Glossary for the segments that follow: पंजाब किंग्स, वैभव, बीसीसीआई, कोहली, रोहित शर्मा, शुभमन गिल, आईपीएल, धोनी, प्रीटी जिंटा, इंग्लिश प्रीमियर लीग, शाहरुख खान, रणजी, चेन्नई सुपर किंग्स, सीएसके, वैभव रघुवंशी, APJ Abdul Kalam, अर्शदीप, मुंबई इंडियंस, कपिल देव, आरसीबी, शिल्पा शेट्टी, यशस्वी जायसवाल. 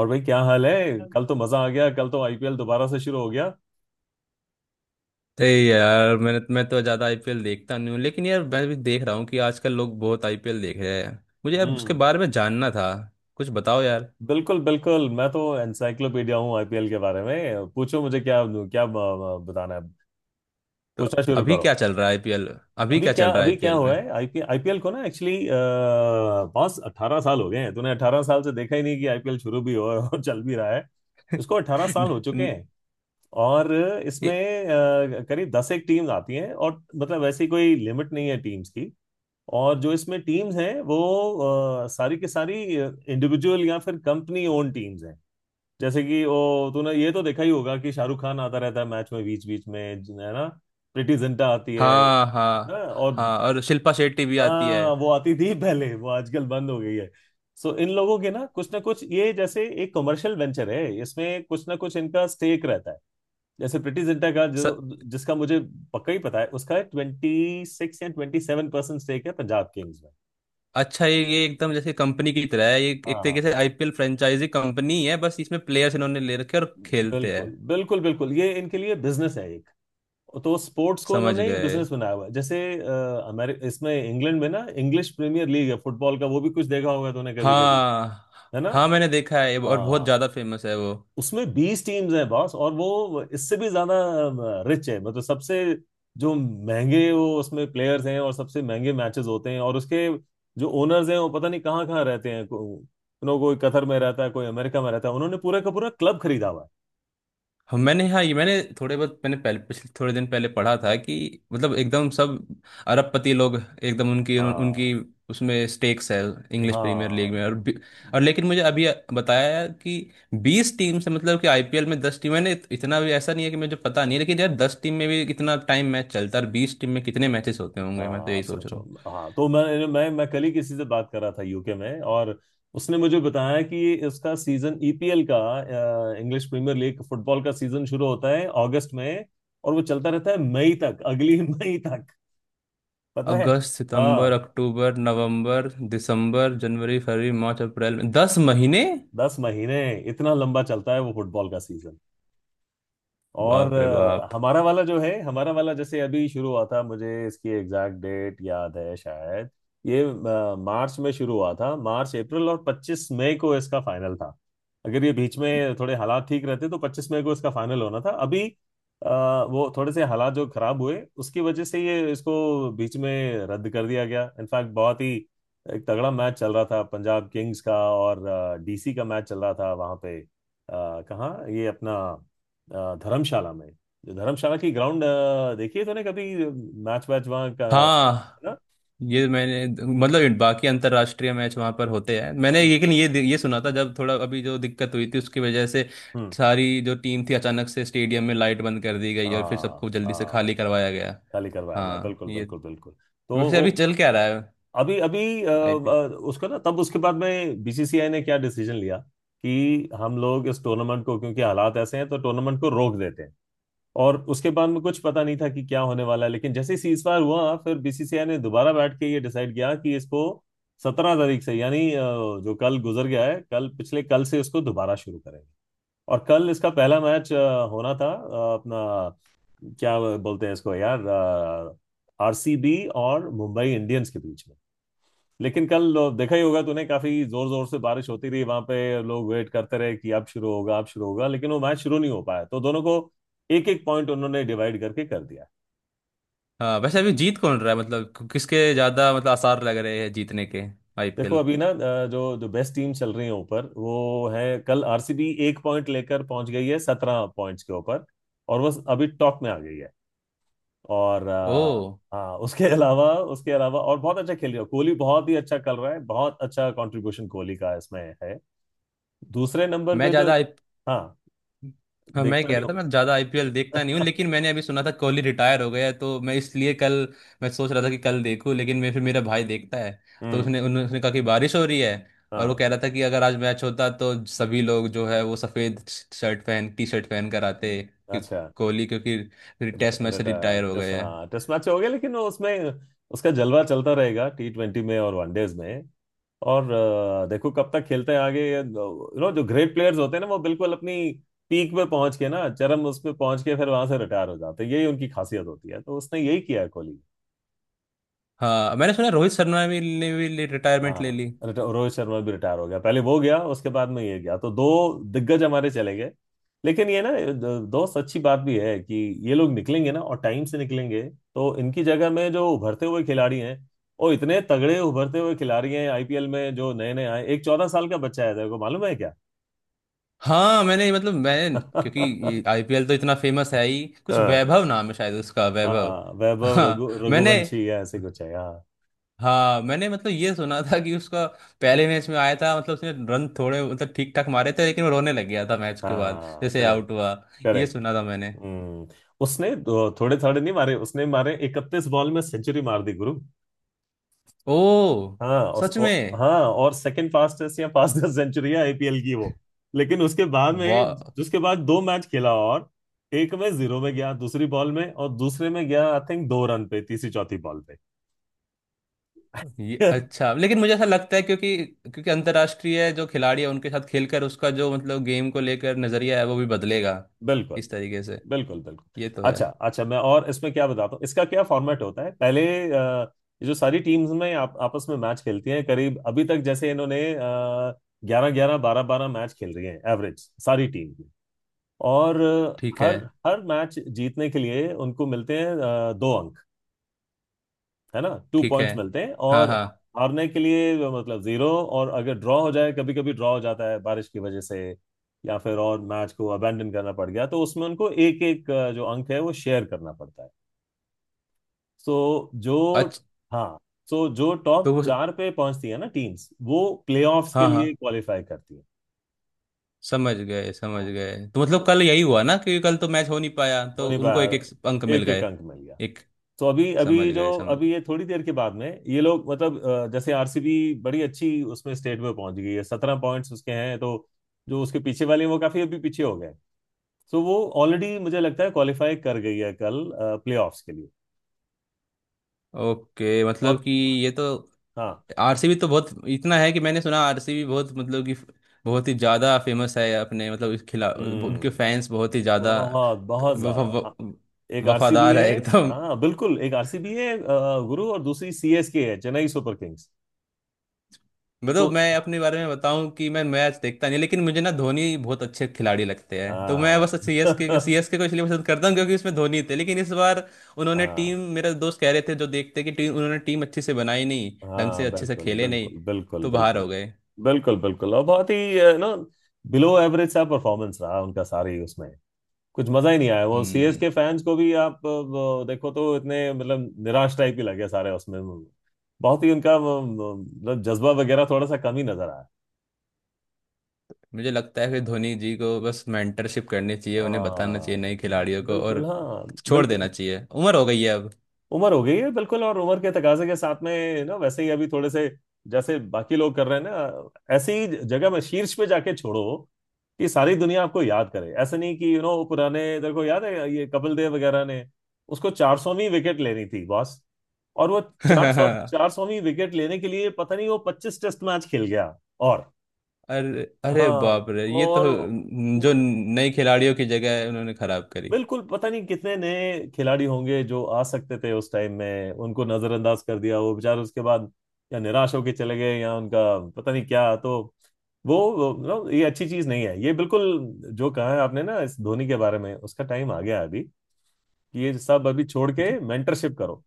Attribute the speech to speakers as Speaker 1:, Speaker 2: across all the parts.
Speaker 1: और भाई क्या हाल है। कल तो मजा आ गया। कल तो आईपीएल दोबारा से शुरू हो गया।
Speaker 2: नहीं यार मैं तो ज़्यादा आईपीएल देखता नहीं हूँ लेकिन यार मैं भी देख रहा हूँ कि आजकल लोग बहुत आईपीएल देख रहे हैं। मुझे यार उसके
Speaker 1: हम्म।
Speaker 2: बारे में जानना था। कुछ बताओ यार।
Speaker 1: बिल्कुल बिल्कुल, मैं तो एनसाइक्लोपीडिया हूँ आईपीएल के बारे में। पूछो मुझे क्या क्या बताना है।
Speaker 2: तो
Speaker 1: पूछना शुरू
Speaker 2: अभी
Speaker 1: करो।
Speaker 2: क्या चल रहा है आईपीएल अभी क्या चल रहा है
Speaker 1: अभी क्या
Speaker 2: आईपीएल में।
Speaker 1: हुआ है आईपीएल आईपीएल को ना एक्चुअली पांच 18 साल हो गए हैं। तूने 18 साल से देखा ही नहीं कि आईपीएल शुरू भी हो और चल भी रहा है। इसको अट्ठारह
Speaker 2: न,
Speaker 1: साल हो चुके
Speaker 2: न।
Speaker 1: हैं। और
Speaker 2: ए,
Speaker 1: इसमें करीब दस एक टीम्स आती हैं, और मतलब वैसी कोई लिमिट नहीं है टीम्स की। और जो इसमें टीम्स हैं वो सारी की सारी इंडिविजुअल या फिर कंपनी ओन टीम्स हैं। जैसे कि वो तूने ये तो देखा ही होगा कि शाहरुख खान आता रहता है मैच में बीच बीच में, है ना। प्रीटी जिंटा आती है
Speaker 2: हाँ
Speaker 1: ना।
Speaker 2: हाँ।
Speaker 1: और
Speaker 2: हाँ और शिल्पा शेट्टी भी आती है।
Speaker 1: हाँ, वो आती थी पहले, वो आजकल बंद हो गई है। सो इन लोगों के ना कुछ ना कुछ, ये जैसे एक कमर्शियल वेंचर है, इसमें कुछ ना कुछ इनका स्टेक रहता है। जैसे प्रीटी जिंटा का
Speaker 2: स,
Speaker 1: जो जिसका मुझे पक्का ही पता है, उसका 26 या 27% स्टेक है पंजाब किंग्स में।
Speaker 2: अच्छा, ये एकदम जैसे कंपनी की तरह है, ये
Speaker 1: हाँ
Speaker 2: एक तरीके
Speaker 1: हाँ।
Speaker 2: से आईपीएल फ्रेंचाइजी कंपनी है, बस इसमें प्लेयर्स इन्होंने ले रखे हैं और खेलते हैं।
Speaker 1: बिल्कुल बिल्कुल बिल्कुल, ये इनके लिए बिजनेस है एक। तो स्पोर्ट्स को
Speaker 2: समझ
Speaker 1: इन्होंने एक
Speaker 2: गए।
Speaker 1: बिजनेस बनाया हुआ है। जैसे अमेर इसमें इंग्लैंड में ना इंग्लिश प्रीमियर लीग है फुटबॉल का, वो भी कुछ देखा होगा तूने कभी कभी,
Speaker 2: हाँ
Speaker 1: है ना।
Speaker 2: हाँ, मैंने देखा है और बहुत
Speaker 1: हाँ।
Speaker 2: ज़्यादा फेमस है वो।
Speaker 1: उसमें 20 टीम्स हैं बॉस, और वो इससे भी ज्यादा रिच है। मतलब सबसे जो महंगे वो उसमें प्लेयर्स हैं और सबसे महंगे मैचेस होते हैं। और उसके जो ओनर्स हैं वो पता नहीं कहाँ कहाँ रहते हैं, नो कोई कतर में रहता है, कोई अमेरिका में रहता है, उन्होंने पूरा का पूरा क्लब खरीदा हुआ है।
Speaker 2: हम मैंने हाँ, ये मैंने थोड़े बहुत मैंने पहले पिछले थोड़े दिन पहले पढ़ा था कि मतलब एकदम सब अरबपति लोग एकदम उनकी उनकी
Speaker 1: हाँ
Speaker 2: उसमें स्टेक्स है इंग्लिश प्रीमियर लीग
Speaker 1: हाँ।
Speaker 2: में, और और लेकिन मुझे अभी बताया कि 20 टीम से, मतलब कि आईपीएल में 10 टीम, मैंने इतना भी ऐसा नहीं है कि मुझे पता नहीं है, लेकिन यार 10 टीम में भी कितना टाइम मैच चलता है और 20 टीम में कितने मैचेस होते होंगे, मैं तो
Speaker 1: हाँ
Speaker 2: यही सोच
Speaker 1: सोचो।
Speaker 2: रहा।
Speaker 1: हाँ, तो मैं कल ही किसी से बात कर रहा था यूके में, और उसने मुझे बताया कि इसका सीजन, ईपीएल का इंग्लिश प्रीमियर लीग फुटबॉल का सीजन शुरू होता है अगस्त में, और वो चलता रहता है मई तक, अगली मई तक, पता है।
Speaker 2: अगस्त, सितंबर,
Speaker 1: हाँ।
Speaker 2: अक्टूबर, नवंबर, दिसंबर, जनवरी, फरवरी, मार्च, अप्रैल, में 10 महीने।
Speaker 1: 10 महीने इतना लंबा चलता है वो फुटबॉल का सीजन। और
Speaker 2: बाप रे बाप।
Speaker 1: हमारा वाला जो है, हमारा वाला जैसे अभी शुरू हुआ था, मुझे इसकी एग्जैक्ट डेट याद है शायद। ये मार्च में शुरू हुआ था, मार्च अप्रैल, और 25 मई को इसका फाइनल था। अगर ये बीच में थोड़े हालात ठीक रहते तो 25 मई को इसका फाइनल होना था अभी। अ, वो थोड़े से हालात जो खराब हुए उसकी वजह से ये इसको बीच में रद्द कर दिया गया। इनफैक्ट बहुत ही एक तगड़ा मैच चल रहा था, पंजाब किंग्स का और डीसी का मैच चल रहा था वहां पे, कहाँ ये अपना धर्मशाला में, धर्मशाला की ग्राउंड। देखिए तूने कभी मैच वैच वहाँ का है
Speaker 2: हाँ
Speaker 1: ना।
Speaker 2: ये मैंने, मतलब बाकी अंतर्राष्ट्रीय मैच वहां पर होते हैं मैंने,
Speaker 1: हम्म,
Speaker 2: लेकिन ये सुना था जब थोड़ा अभी जो दिक्कत हुई थी उसकी वजह से
Speaker 1: हम्म,
Speaker 2: सारी जो टीम थी अचानक से स्टेडियम में लाइट बंद कर दी गई और फिर
Speaker 1: हाँ
Speaker 2: सबको जल्दी से
Speaker 1: हाँ,
Speaker 2: खाली करवाया गया।
Speaker 1: खाली करवाया गया
Speaker 2: हाँ
Speaker 1: बिल्कुल
Speaker 2: ये,
Speaker 1: बिल्कुल बिल्कुल। तो
Speaker 2: वैसे
Speaker 1: वो
Speaker 2: अभी चल क्या रहा है
Speaker 1: अभी अभी
Speaker 2: आईपीएल।
Speaker 1: उसको ना, तब उसके बाद में बीसीसीआई ने क्या डिसीजन लिया कि हम लोग इस टूर्नामेंट को, क्योंकि हालात ऐसे हैं तो टूर्नामेंट को रोक देते हैं। और उसके बाद में कुछ पता नहीं था कि क्या होने वाला है, लेकिन जैसे ही सीजफायर हुआ फिर बीसीसीआई ने दोबारा बैठ के ये डिसाइड किया कि इसको 17 तारीख से, यानी जो कल गुजर गया है, कल पिछले कल से इसको दोबारा शुरू करेंगे। और कल इसका पहला मैच होना था, अपना क्या बोलते हैं इसको यार, आरसीबी और मुंबई इंडियंस के बीच में। लेकिन कल देखा ही होगा तूने, काफी जोर जोर से बारिश होती रही वहां पे। लोग वेट करते रहे कि अब शुरू होगा अब शुरू होगा, लेकिन वो मैच शुरू नहीं हो पाया, तो दोनों को एक एक पॉइंट उन्होंने डिवाइड करके कर दिया।
Speaker 2: हाँ वैसे अभी जीत कौन रहा है, मतलब किसके ज्यादा मतलब आसार लग रहे हैं जीतने के,
Speaker 1: देखो
Speaker 2: आईपीएल।
Speaker 1: अभी ना, जो जो बेस्ट टीम चल रही है ऊपर वो है कल आरसीबी, एक पॉइंट लेकर पहुंच गई है 17 पॉइंट्स के ऊपर, और वो अभी टॉप में आ गई है। और
Speaker 2: ओ।
Speaker 1: हाँ, उसके अलावा, उसके अलावा और बहुत अच्छा खेल रही है, कोहली बहुत ही अच्छा कर रहा है, बहुत अच्छा कंट्रीब्यूशन कोहली का इसमें है। दूसरे नंबर
Speaker 2: मैं
Speaker 1: पे जो,
Speaker 2: ज्यादा आई
Speaker 1: हाँ,
Speaker 2: हाँ, मैं
Speaker 1: देखता
Speaker 2: कह
Speaker 1: नहीं
Speaker 2: रहा था मैं ज्यादा आईपीएल देखता नहीं हूँ,
Speaker 1: हूँ।
Speaker 2: लेकिन मैंने अभी सुना था कोहली रिटायर हो गया है, तो मैं इसलिए कल मैं सोच रहा था कि कल देखूँ, लेकिन मैं फिर, मेरा भाई देखता है, तो
Speaker 1: हम्म।
Speaker 2: उसने कहा कि बारिश हो रही है। और वो कह
Speaker 1: हाँ
Speaker 2: रहा था कि अगर आज मैच होता तो सभी लोग जो है वो सफेद शर्ट पहन, टी शर्ट पहन कर आते कि
Speaker 1: अच्छा।
Speaker 2: कोहली क्योंकि फिर टेस्ट मैच
Speaker 1: रिटायर
Speaker 2: से रिटायर हो
Speaker 1: टेस्ट,
Speaker 2: गए हैं।
Speaker 1: हाँ, टेस्ट मैच हो गया, लेकिन वो उसमें उसका जलवा चलता रहेगा टी ट्वेंटी में और वनडेज में। और देखो कब तक खेलते हैं आगे। यू नो, जो ग्रेट प्लेयर्स होते हैं ना, वो बिल्कुल अपनी पीक पे पहुंच के ना, चरम उस पे पहुंच के फिर वहां से रिटायर हो जाते हैं। यही उनकी खासियत होती है, तो उसने यही किया है कोहली।
Speaker 2: हाँ मैंने सुना, रोहित शर्मा ने भी रिटायरमेंट ले
Speaker 1: हाँ।
Speaker 2: ली।
Speaker 1: रोहित शर्मा भी रिटायर हो गया, पहले वो गया उसके बाद में ये गया, तो दो दिग्गज हमारे चले गए। लेकिन ये ना, दोस्त, अच्छी बात भी है कि ये लोग निकलेंगे ना, और टाइम से निकलेंगे। तो इनकी जगह में जो उभरते हुए खिलाड़ी हैं, और इतने तगड़े उभरते हुए खिलाड़ी हैं आईपीएल में जो नए नए आए। एक 14 साल का बच्चा है, तेरे को मालूम है क्या।
Speaker 2: हाँ मैंने, मतलब मैं क्योंकि ये आईपीएल तो इतना फेमस है ही, कुछ
Speaker 1: हाँ।
Speaker 2: वैभव नाम है शायद उसका, वैभव।
Speaker 1: हाँ वैभव, रघु
Speaker 2: हाँ मैंने
Speaker 1: रघुवंशी या ऐसे कुछ है, हाँ।
Speaker 2: हाँ मैंने मतलब ये सुना था कि उसका पहले मैच में आया था मतलब उसने रन थोड़े मतलब ठीक ठाक मारे थे लेकिन वो रोने लग गया था मैच के बाद
Speaker 1: हाँ
Speaker 2: जैसे
Speaker 1: सही हो,
Speaker 2: आउट हुआ। ये
Speaker 1: करेक्ट।
Speaker 2: सुना था मैंने।
Speaker 1: हम्म। उसने थोड़े थोड़े नहीं मारे, उसने मारे 31 बॉल में सेंचुरी मार दी गुरु।
Speaker 2: ओ,
Speaker 1: हाँ उस,
Speaker 2: सच
Speaker 1: ओ,
Speaker 2: में।
Speaker 1: हाँ, और सेकंड फास्टेस्ट या फास्टेस्ट सेंचुरी है आईपीएल की वो। लेकिन उसके बाद
Speaker 2: वाह।
Speaker 1: में, उसके बाद 2 मैच खेला, और एक में जीरो में गया दूसरी बॉल में, और दूसरे में गया आई थिंक 2 रन पे, तीसरी चौथी बॉल पे।
Speaker 2: ये अच्छा, लेकिन मुझे ऐसा लगता है क्योंकि क्योंकि अंतर्राष्ट्रीय जो खिलाड़ी है उनके साथ खेलकर उसका जो मतलब गेम को लेकर नजरिया है वो भी बदलेगा,
Speaker 1: बिल्कुल
Speaker 2: इस तरीके से।
Speaker 1: बिल्कुल बिल्कुल।
Speaker 2: ये तो है।
Speaker 1: अच्छा अच्छा, मैं और इसमें क्या बताता हूँ, इसका क्या फॉर्मेट होता है पहले। अ, ये जो सारी टीम्स में आप आपस में मैच खेलती हैं, करीब अभी तक जैसे इन्होंने ग्यारह ग्यारह बारह बारह मैच खेल रही हैं एवरेज सारी टीम की। और
Speaker 2: ठीक
Speaker 1: अ,
Speaker 2: है,
Speaker 1: हर हर मैच जीतने के लिए उनको मिलते हैं 2 अंक, है ना, टू
Speaker 2: ठीक है।
Speaker 1: पॉइंट्स मिलते हैं।
Speaker 2: हाँ
Speaker 1: और
Speaker 2: हाँ,
Speaker 1: हारने के लिए मतलब जीरो। और अगर ड्रॉ हो जाए, कभी कभी ड्रॉ हो जाता है बारिश की वजह से, या फिर और मैच को अबेंडन करना पड़ गया, तो उसमें उनको एक एक जो अंक है वो शेयर करना पड़ता है। सो जो,
Speaker 2: अच्छा।
Speaker 1: हाँ, सो जो
Speaker 2: तो
Speaker 1: टॉप
Speaker 2: वो।
Speaker 1: चार पे पहुंचती है ना टीम्स, वो प्लेऑफ्स के
Speaker 2: हाँ हाँ,
Speaker 1: लिए क्वालिफाई करती है।
Speaker 2: समझ गए समझ
Speaker 1: हाँ।
Speaker 2: गए, तो मतलब
Speaker 1: तो
Speaker 2: कल यही हुआ ना कि कल तो मैच हो नहीं पाया तो
Speaker 1: होने
Speaker 2: उनको एक
Speaker 1: पाया,
Speaker 2: एक अंक मिल
Speaker 1: एक एक
Speaker 2: गए।
Speaker 1: अंक मिल गया।
Speaker 2: एक।
Speaker 1: तो अभी
Speaker 2: समझ
Speaker 1: अभी जो
Speaker 2: गए, समझ।
Speaker 1: अभी ये थोड़ी देर के बाद में ये लोग मतलब, जैसे आरसीबी बड़ी अच्छी उसमें स्टेट में पहुंच गई है, सत्रह पॉइंट्स उसके हैं, तो जो उसके पीछे वाले हैं, वो काफी अभी पीछे हो गए, तो वो ऑलरेडी मुझे लगता है क्वालिफाई कर गई है कल प्लेऑफ्स के लिए।
Speaker 2: ओके, मतलब
Speaker 1: और
Speaker 2: कि ये तो
Speaker 1: हाँ
Speaker 2: आरसीबी तो बहुत, इतना है कि मैंने सुना आरसीबी बहुत मतलब कि बहुत ही ज़्यादा फेमस है, अपने मतलब इस खिला, उनके
Speaker 1: हम्म,
Speaker 2: फैंस बहुत ही ज़्यादा
Speaker 1: बहुत बहुत ज्यादा एक आरसीबी
Speaker 2: वफादार है
Speaker 1: है।
Speaker 2: एकदम।
Speaker 1: हाँ बिल्कुल, एक आरसीबी है गुरु, और दूसरी सीएसके है, चेन्नई सुपर किंग्स।
Speaker 2: मतलब
Speaker 1: तो
Speaker 2: मैं अपने बारे में बताऊं, कि मैं मैच देखता नहीं, लेकिन मुझे ना धोनी बहुत अच्छे खिलाड़ी लगते हैं, तो मैं बस सीएसके
Speaker 1: हाँ।
Speaker 2: सीएसके को इसलिए पसंद करता हूं क्योंकि उसमें धोनी थे, लेकिन इस बार उन्होंने टीम, मेरे दोस्त कह रहे थे जो देखते कि टीम, उन्होंने टीम अच्छी से बनाई नहीं, ढंग से
Speaker 1: हाँ
Speaker 2: अच्छे से
Speaker 1: बिल्कुल
Speaker 2: खेले
Speaker 1: बिल्कुल
Speaker 2: नहीं,
Speaker 1: बिल्कुल
Speaker 2: तो बाहर
Speaker 1: बिल्कुल
Speaker 2: हो गए।
Speaker 1: बिल्कुल बिल्कुल, और बहुत ही ना, बिलो एवरेज सा परफॉर्मेंस रहा उनका सारी उसमें। कुछ मजा ही नहीं आया, वो सीएस
Speaker 2: हम्म।
Speaker 1: के फैंस को भी आप देखो तो इतने मतलब निराश टाइप ही लगे सारे उसमें, बहुत ही उनका मतलब जज्बा वगैरह थोड़ा सा कम ही नजर आया।
Speaker 2: मुझे लगता है कि धोनी जी को बस मेंटरशिप करनी चाहिए, उन्हें बताना चाहिए
Speaker 1: हाँ
Speaker 2: नए खिलाड़ियों को,
Speaker 1: बिल्कुल,
Speaker 2: और
Speaker 1: हाँ
Speaker 2: छोड़ देना
Speaker 1: बिल्कुल।
Speaker 2: चाहिए, उम्र हो गई है अब।
Speaker 1: उम्र हो गई है बिल्कुल, और उम्र के तकाजे के साथ में ना वैसे ही अभी थोड़े से, जैसे बाकी लोग कर रहे हैं ना, ऐसी ही जगह में शीर्ष पे जाके छोड़ो कि सारी दुनिया आपको याद करे। ऐसे नहीं कि यू नो, पुराने तेरे को याद है, ये कपिल देव वगैरह ने उसको 400वीं विकेट लेनी थी बॉस, और वो चार सौवीं विकेट लेने के लिए पता नहीं वो 25 टेस्ट मैच खेल गया। और,
Speaker 2: अरे अरे
Speaker 1: हाँ,
Speaker 2: बाप रे, ये तो
Speaker 1: और
Speaker 2: जो नई खिलाड़ियों की जगह है उन्होंने खराब करी।
Speaker 1: बिल्कुल, पता नहीं कितने नए खिलाड़ी होंगे जो आ सकते थे उस टाइम में, उनको नजरअंदाज कर दिया, वो बेचारे उसके बाद या निराश होके चले गए या उनका पता नहीं क्या, तो नो, ये अच्छी चीज नहीं है ये बिल्कुल। जो कहा है आपने ना इस धोनी के बारे में, उसका टाइम आ गया है अभी कि ये सब अभी छोड़
Speaker 2: Okay।
Speaker 1: के मेंटरशिप करो।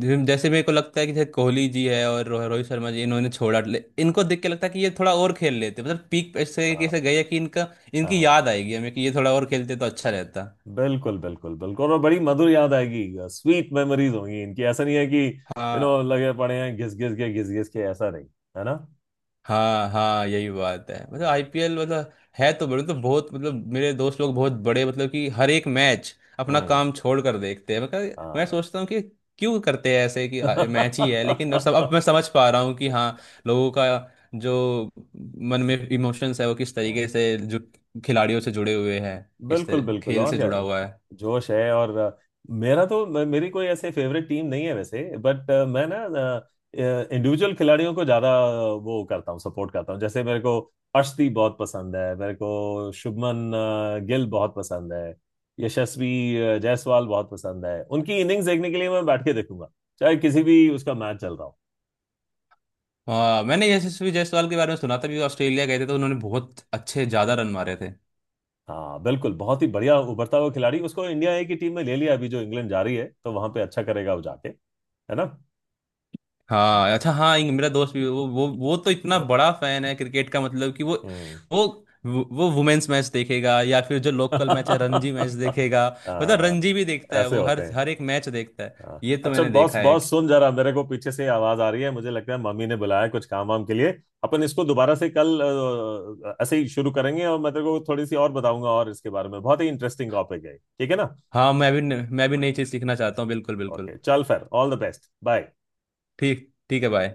Speaker 2: जैसे जैसे मेरे को लगता है कि जैसे कोहली जी है और रोहित शर्मा जी, इन्होंने छोड़ा, इनको देख के लगता है कि ये थोड़ा और खेल लेते, मतलब पीक ऐसे कैसे
Speaker 1: हाँ
Speaker 2: गए कि इनका इनकी
Speaker 1: हाँ
Speaker 2: याद आएगी हमें, कि ये थोड़ा और खेलते तो अच्छा रहता।
Speaker 1: बिल्कुल बिल्कुल बिल्कुल, और बड़ी मधुर याद आएगी, स्वीट मेमोरीज होंगी इनकी। ऐसा नहीं है कि यू नो
Speaker 2: हाँ
Speaker 1: लगे पड़े हैं घिस घिस के, घिस घिस के, ऐसा नहीं, है ना।
Speaker 2: हाँ हाँ, यही बात है, मतलब
Speaker 1: हम्म
Speaker 2: आईपीएल मतलब है तो बड़े, तो बहुत मतलब मेरे दोस्त लोग बहुत बड़े, मतलब कि हर एक मैच अपना
Speaker 1: हम्म,
Speaker 2: काम छोड़ कर देखते हैं, मतलब मैं
Speaker 1: हाँ
Speaker 2: सोचता हूँ कि क्यों करते हैं ऐसे, कि मैच ही है, लेकिन सब अब मैं समझ पा रहा हूँ कि हाँ, लोगों का जो मन में इमोशंस है वो किस तरीके से जो खिलाड़ियों से जुड़े हुए हैं, इस
Speaker 1: बिल्कुल
Speaker 2: तरह
Speaker 1: बिल्कुल।
Speaker 2: खेल
Speaker 1: और
Speaker 2: से
Speaker 1: क्या
Speaker 2: जुड़ा हुआ है।
Speaker 1: जोश है, और मेरा तो मेरी कोई ऐसे फेवरेट टीम नहीं है वैसे, बट मैं ना इंडिविजुअल खिलाड़ियों को ज्यादा वो करता हूँ, सपोर्ट करता हूँ। जैसे मेरे को अर्शदीप बहुत पसंद है, मेरे को शुभमन गिल बहुत पसंद है, यशस्वी जायसवाल बहुत पसंद है, उनकी इनिंग्स देखने के लिए मैं बैठ के देखूंगा चाहे किसी भी उसका मैच चल रहा हो।
Speaker 2: हाँ मैंने यशस्वी जायसवाल के बारे में सुना था कि वो ऑस्ट्रेलिया गए थे तो उन्होंने बहुत अच्छे, ज़्यादा रन मारे थे।
Speaker 1: हाँ बिल्कुल, बहुत ही बढ़िया उभरता हुआ खिलाड़ी, उसको इंडिया ए की टीम में ले लिया अभी जो इंग्लैंड जा रही है, तो वहां पे अच्छा करेगा वो जाके, है ना।
Speaker 2: हाँ अच्छा, हाँ, मेरा दोस्त भी, वो तो इतना बड़ा फैन है क्रिकेट का, मतलब कि
Speaker 1: हम्म।
Speaker 2: वो वो वुमेन्स मैच देखेगा या फिर जो लोकल मैच है, रणजी मैच देखेगा। मतलब
Speaker 1: हाँ,
Speaker 2: रणजी भी देखता है,
Speaker 1: ऐसे
Speaker 2: वो
Speaker 1: होते
Speaker 2: हर
Speaker 1: हैं।
Speaker 2: हर एक मैच देखता है।
Speaker 1: हाँ
Speaker 2: ये तो
Speaker 1: अच्छा,
Speaker 2: मैंने
Speaker 1: बॉस
Speaker 2: देखा है।
Speaker 1: बॉस सुन जरा, मेरे को पीछे से आवाज आ रही है, मुझे लगता है मम्मी ने बुलाया है कुछ काम वाम के लिए। अपन इसको दोबारा से कल ऐसे ही शुरू करेंगे, और मैं तेरे को थोड़ी सी और बताऊंगा, और इसके बारे में बहुत ही इंटरेस्टिंग टॉपिक है, ठीक है ना।
Speaker 2: हाँ मैं भी मैं भी नई चीज़ सीखना चाहता हूँ, बिल्कुल बिल्कुल।
Speaker 1: ओके चल, फिर ऑल द बेस्ट, बाय।
Speaker 2: ठीक, ठीक है भाई।